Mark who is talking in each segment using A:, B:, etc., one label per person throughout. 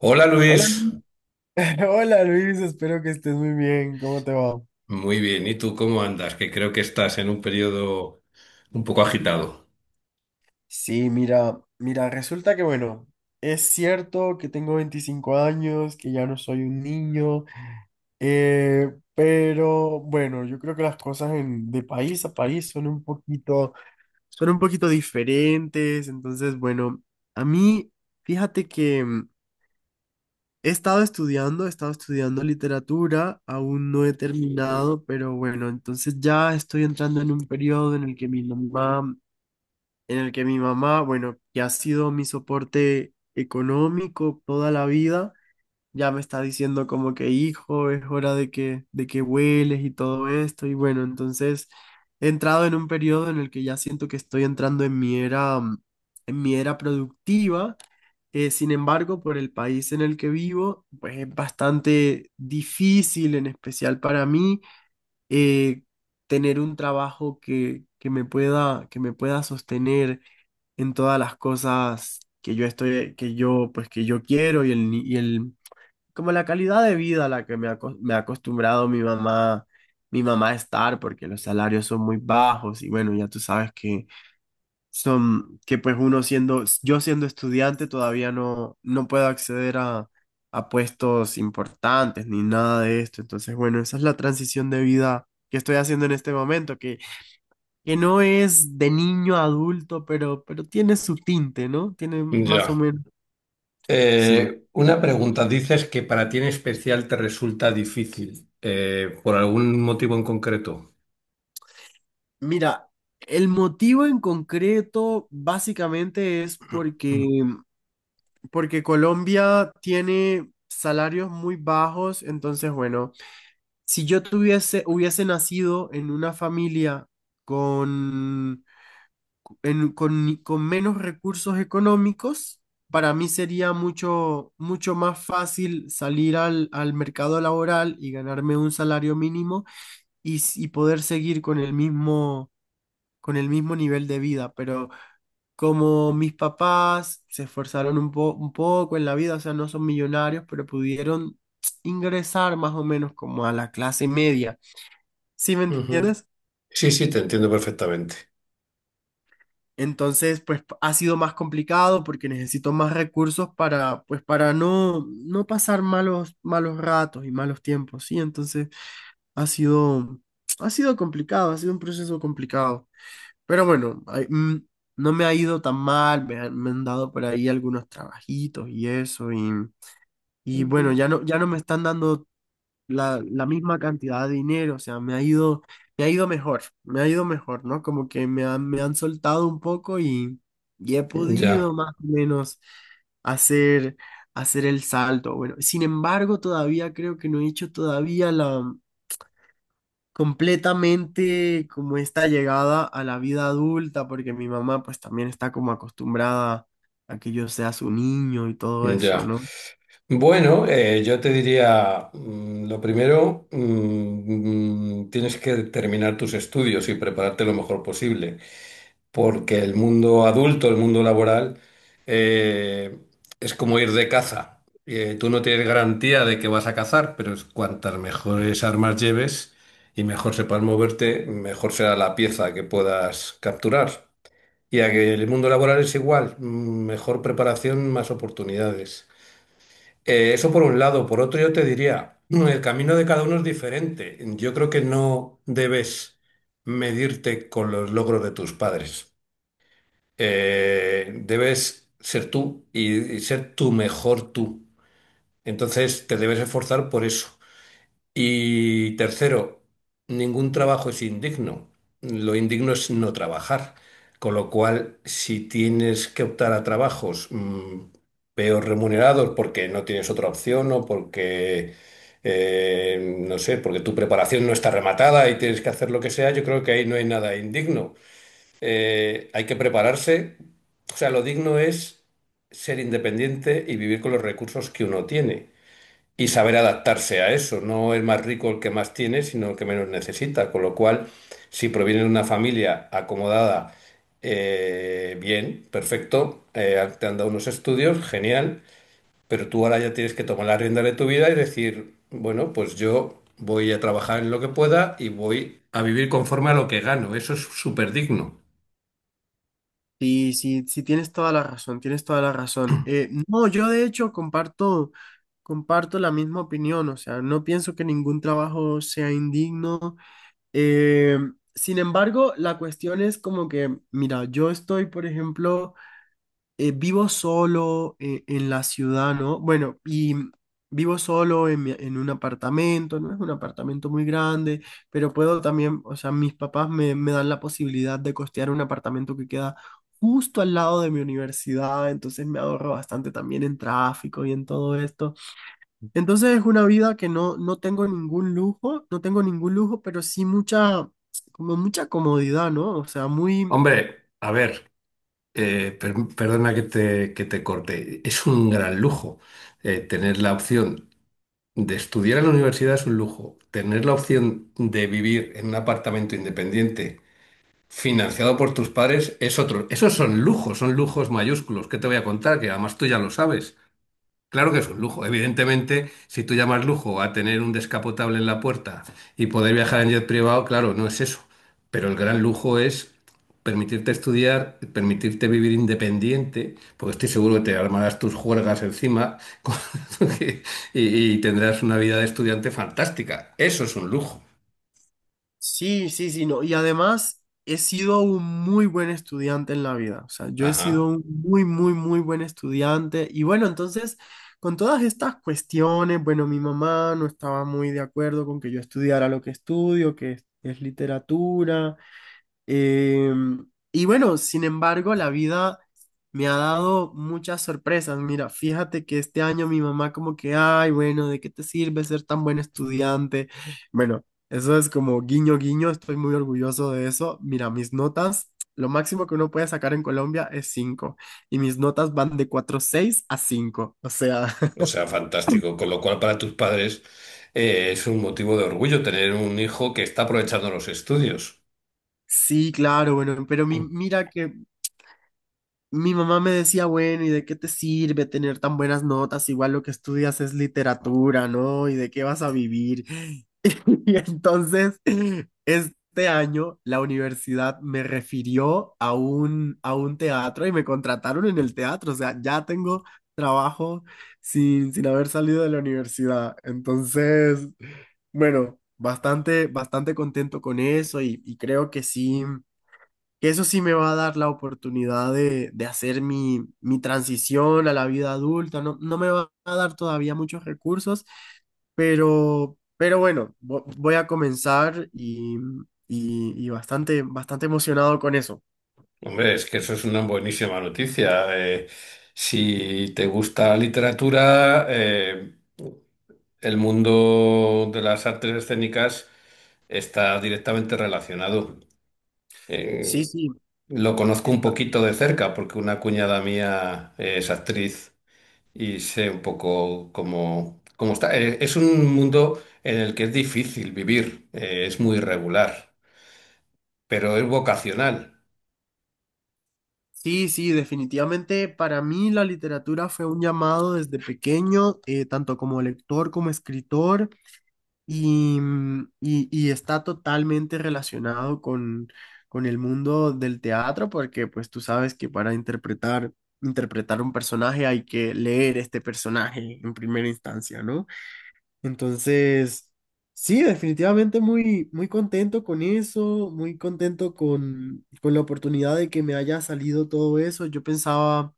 A: Hola
B: Hola,
A: Luis,
B: Hola Luis, espero que estés muy bien. ¿Cómo te va?
A: muy bien. ¿Y tú cómo andas? Que creo que estás en un periodo un poco agitado.
B: Sí, mira, mira, resulta que bueno, es cierto que tengo 25 años, que ya no soy un niño, pero bueno, yo creo que las cosas de país a país son un poquito diferentes. Entonces, bueno, a mí, fíjate que he estado estudiando, he estado estudiando literatura, aún no he terminado, pero bueno, entonces ya estoy entrando en un periodo en el que mi mamá, en el que mi mamá, bueno, que ha sido mi soporte económico toda la vida, ya me está diciendo como que hijo, es hora de que vueles y todo esto. Y bueno, entonces he entrado en un periodo en el que ya siento que estoy entrando en mi era, en mi era productiva. Sin embargo, por el país en el que vivo, pues es bastante difícil, en especial para mí, eh, tener un trabajo que me pueda sostener en todas las cosas que yo estoy, que yo, pues que yo quiero y el, ni- y el, como la calidad de vida a la que me ha acostumbrado mi mamá a estar, porque los salarios son muy bajos y bueno, ya tú sabes que son, que pues uno siendo, yo siendo estudiante todavía no, no puedo acceder a puestos importantes ni nada de esto. Entonces, bueno, esa es la transición de vida que estoy haciendo en este momento, que no es de niño a adulto, pero tiene su tinte, ¿no? Tiene más o
A: Ya.
B: menos, sí.
A: Una pregunta. Dices que para ti en especial te resulta difícil, ¿por algún motivo en concreto?
B: Mira, el motivo en concreto básicamente es
A: Mm.
B: porque, porque Colombia tiene salarios muy bajos, entonces bueno, si yo tuviese, hubiese nacido en una familia con, con menos recursos económicos, para mí sería mucho, mucho más fácil salir al, al mercado laboral y ganarme un salario mínimo y poder seguir con el mismo nivel de vida, pero como mis papás se esforzaron un un poco en la vida, o sea, no son millonarios, pero pudieron ingresar más o menos como a la clase media. ¿Sí me
A: Ujú.
B: entiendes?
A: Sí, sí, te entiendo perfectamente.
B: Entonces, pues ha sido más complicado porque necesito más recursos para, pues, para no, no pasar malos, malos ratos y malos tiempos, ¿sí? Entonces, ha sido, ha sido complicado, ha sido un proceso complicado. Pero bueno, no me ha ido tan mal, me han dado por ahí algunos trabajitos y eso, y bueno,
A: Ujú.
B: ya no, ya no me están dando la, la misma cantidad de dinero, o sea, me ha ido mejor, me ha ido mejor, ¿no? Como que me han soltado un poco y he podido
A: Ya,
B: más o menos hacer, hacer el salto. Bueno, sin embargo, todavía creo que no he hecho todavía completamente como esta llegada a la vida adulta, porque mi mamá pues también está como acostumbrada a que yo sea su niño y todo eso,
A: ya.
B: ¿no?
A: Bueno, yo te diría, lo primero, tienes que terminar tus estudios y prepararte lo mejor posible. Porque el mundo adulto, el mundo laboral, eh, es como ir de caza. Tú no tienes garantía de que vas a cazar, pero es cuantas mejores armas lleves y mejor sepas moverte, mejor será la pieza que puedas capturar. Y a que el mundo laboral es igual, mejor preparación, más oportunidades. Eso por un lado. Por otro, yo te diría, el camino de cada uno es diferente. Yo creo que no debes medirte con los logros de tus padres, debes ser tú y ser tu mejor tú. Entonces te debes esforzar por eso. Y tercero, ningún trabajo es indigno. Lo indigno es no trabajar. Con lo cual, si tienes que optar a trabajos peor remunerados porque no tienes otra opción o porque, no sé, porque tu preparación no está rematada y tienes que hacer lo que sea, yo creo que ahí no hay nada indigno. Hay que prepararse. O sea, lo digno es ser independiente y vivir con los recursos que uno tiene y saber adaptarse a eso. No es más rico el que más tiene, sino el que menos necesita. Con lo cual, si proviene de una familia acomodada, bien, perfecto, te han dado unos estudios, genial, pero tú ahora ya tienes que tomar la rienda de tu vida y decir, bueno, pues yo voy a trabajar en lo que pueda y voy a vivir conforme a lo que gano. Eso es súper digno.
B: Sí, sí, sí, tienes toda la razón, tienes toda la razón. No, yo de hecho comparto, comparto la misma opinión, o sea, no pienso que ningún trabajo sea indigno. Eh, Sin embargo, la cuestión es como que, mira, yo estoy, por ejemplo, vivo solo en la ciudad, ¿no? Bueno, y vivo solo en, en un apartamento, no es un apartamento muy grande, pero puedo también, o sea, mis papás me, me dan la posibilidad de costear un apartamento que queda justo al lado de mi universidad, entonces me ahorro bastante también en tráfico y en todo esto. Entonces es una vida que no, no tengo ningún lujo, no tengo ningún lujo, pero sí mucha, como mucha comodidad, ¿no? O sea, muy...
A: Hombre, a ver, perdona que te, corte. Es un gran lujo, tener la opción de estudiar en la universidad es un lujo. Tener la opción de vivir en un apartamento independiente financiado por tus padres es otro. Esos son lujos mayúsculos. ¿Qué te voy a contar? Que además tú ya lo sabes. Claro que es un lujo. Evidentemente, si tú llamas lujo a tener un descapotable en la puerta y poder viajar en jet privado, claro, no es eso. Pero el gran lujo es permitirte estudiar, permitirte vivir independiente, porque estoy seguro que te armarás tus juergas encima con- y, tendrás una vida de estudiante fantástica. Eso es un lujo.
B: Sí, sí, sí, no. Y además he sido un muy buen estudiante en la vida. O sea, yo he sido
A: Ajá.
B: un muy, muy, muy buen estudiante. Y bueno, entonces, con todas estas cuestiones, bueno, mi mamá no estaba muy de acuerdo con que yo estudiara lo que estudio, que es literatura. Em, y bueno, sin embargo, la vida me ha dado muchas sorpresas. Mira, fíjate que este año mi mamá como que, ay, bueno, ¿de qué te sirve ser tan buen estudiante? Bueno, eso es como guiño, guiño, estoy muy orgulloso de eso. Mira, mis notas, lo máximo que uno puede sacar en Colombia es 5 y mis notas van de 4,6 a 5. O sea,
A: O sea, fantástico. Con lo cual, para tus padres, es un motivo de orgullo tener un hijo que está aprovechando los estudios.
B: sí, claro, bueno, pero mira que mi mamá me decía, bueno, ¿y de qué te sirve tener tan buenas notas? Igual lo que estudias es literatura, ¿no? ¿Y de qué vas a vivir? Y entonces, este año la universidad me refirió a un teatro y me contrataron en el teatro. O sea, ya tengo trabajo sin, sin haber salido de la universidad. Entonces, bueno, bastante, bastante contento con eso y creo que sí que eso sí me va a dar la oportunidad de hacer mi, mi transición a la vida adulta. No, no me va a dar todavía muchos recursos, pero bueno, voy a comenzar y bastante, bastante emocionado con eso.
A: Hombre, es que eso es una buenísima noticia. Si te gusta la literatura, el mundo de las artes escénicas está directamente relacionado. Eh,
B: Sí, sí,
A: lo conozco un
B: está.
A: poquito de cerca porque una cuñada mía, es actriz y sé un poco cómo, está. Es un mundo en el que es difícil vivir, es muy irregular, pero es vocacional.
B: Sí, sí, definitivamente para mí la literatura fue un llamado desde pequeño, tanto como lector como escritor. Y, y está totalmente relacionado con el mundo del teatro, porque pues tú sabes que para interpretar, interpretar un personaje hay que leer este personaje en primera instancia, ¿no? Entonces, sí, definitivamente muy, muy contento con eso, muy contento con la oportunidad de que me haya salido todo eso. Yo pensaba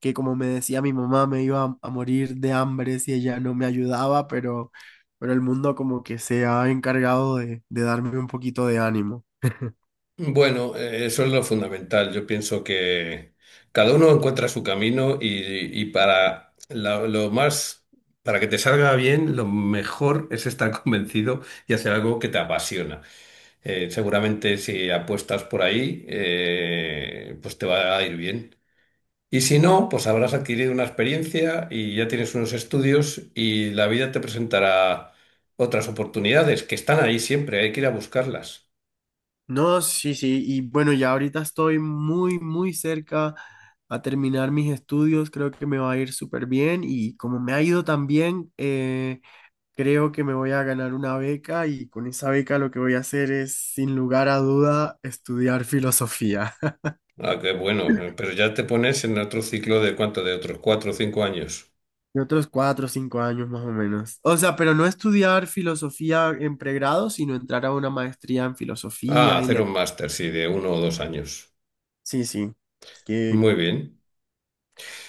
B: que como me decía mi mamá, me iba a morir de hambre si ella no me ayudaba, pero el mundo como que se ha encargado de darme un poquito de ánimo.
A: Bueno, eso es lo fundamental. Yo pienso que cada uno encuentra su camino y, para lo más, para que te salga bien, lo mejor es estar convencido y hacer algo que te apasiona. Seguramente si apuestas por ahí, pues te va a ir bien. Y si no, pues habrás adquirido una experiencia y ya tienes unos estudios y la vida te presentará otras oportunidades que están ahí siempre, hay que ir a buscarlas.
B: No, sí, sí, y bueno, ya ahorita estoy muy, muy cerca a terminar mis estudios, creo que me va a ir súper bien y como me ha ido tan bien, creo que me voy a ganar una beca y con esa beca lo que voy a hacer es, sin lugar a duda, estudiar filosofía.
A: Ah, qué bueno. Pero ya te pones en otro ciclo de cuánto, de otros 4 o 5 años.
B: Y otros 4 o 5 años más o menos. O sea, pero no estudiar filosofía en pregrado, sino entrar a una maestría en
A: Ah,
B: filosofía y
A: hacer
B: le...
A: un máster, sí, de 1 o 2 años.
B: Sí, sí, que,
A: Muy bien.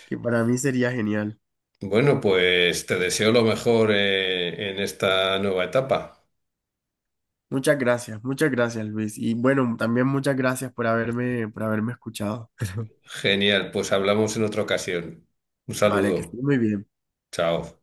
B: que para mí sería genial.
A: Bueno, pues te deseo lo mejor, en esta nueva etapa.
B: Muchas gracias, Luis. Y bueno, también muchas gracias por haberme escuchado.
A: Genial, pues hablamos en otra ocasión. Un
B: Vale, que
A: saludo.
B: estés muy bien.
A: Chao.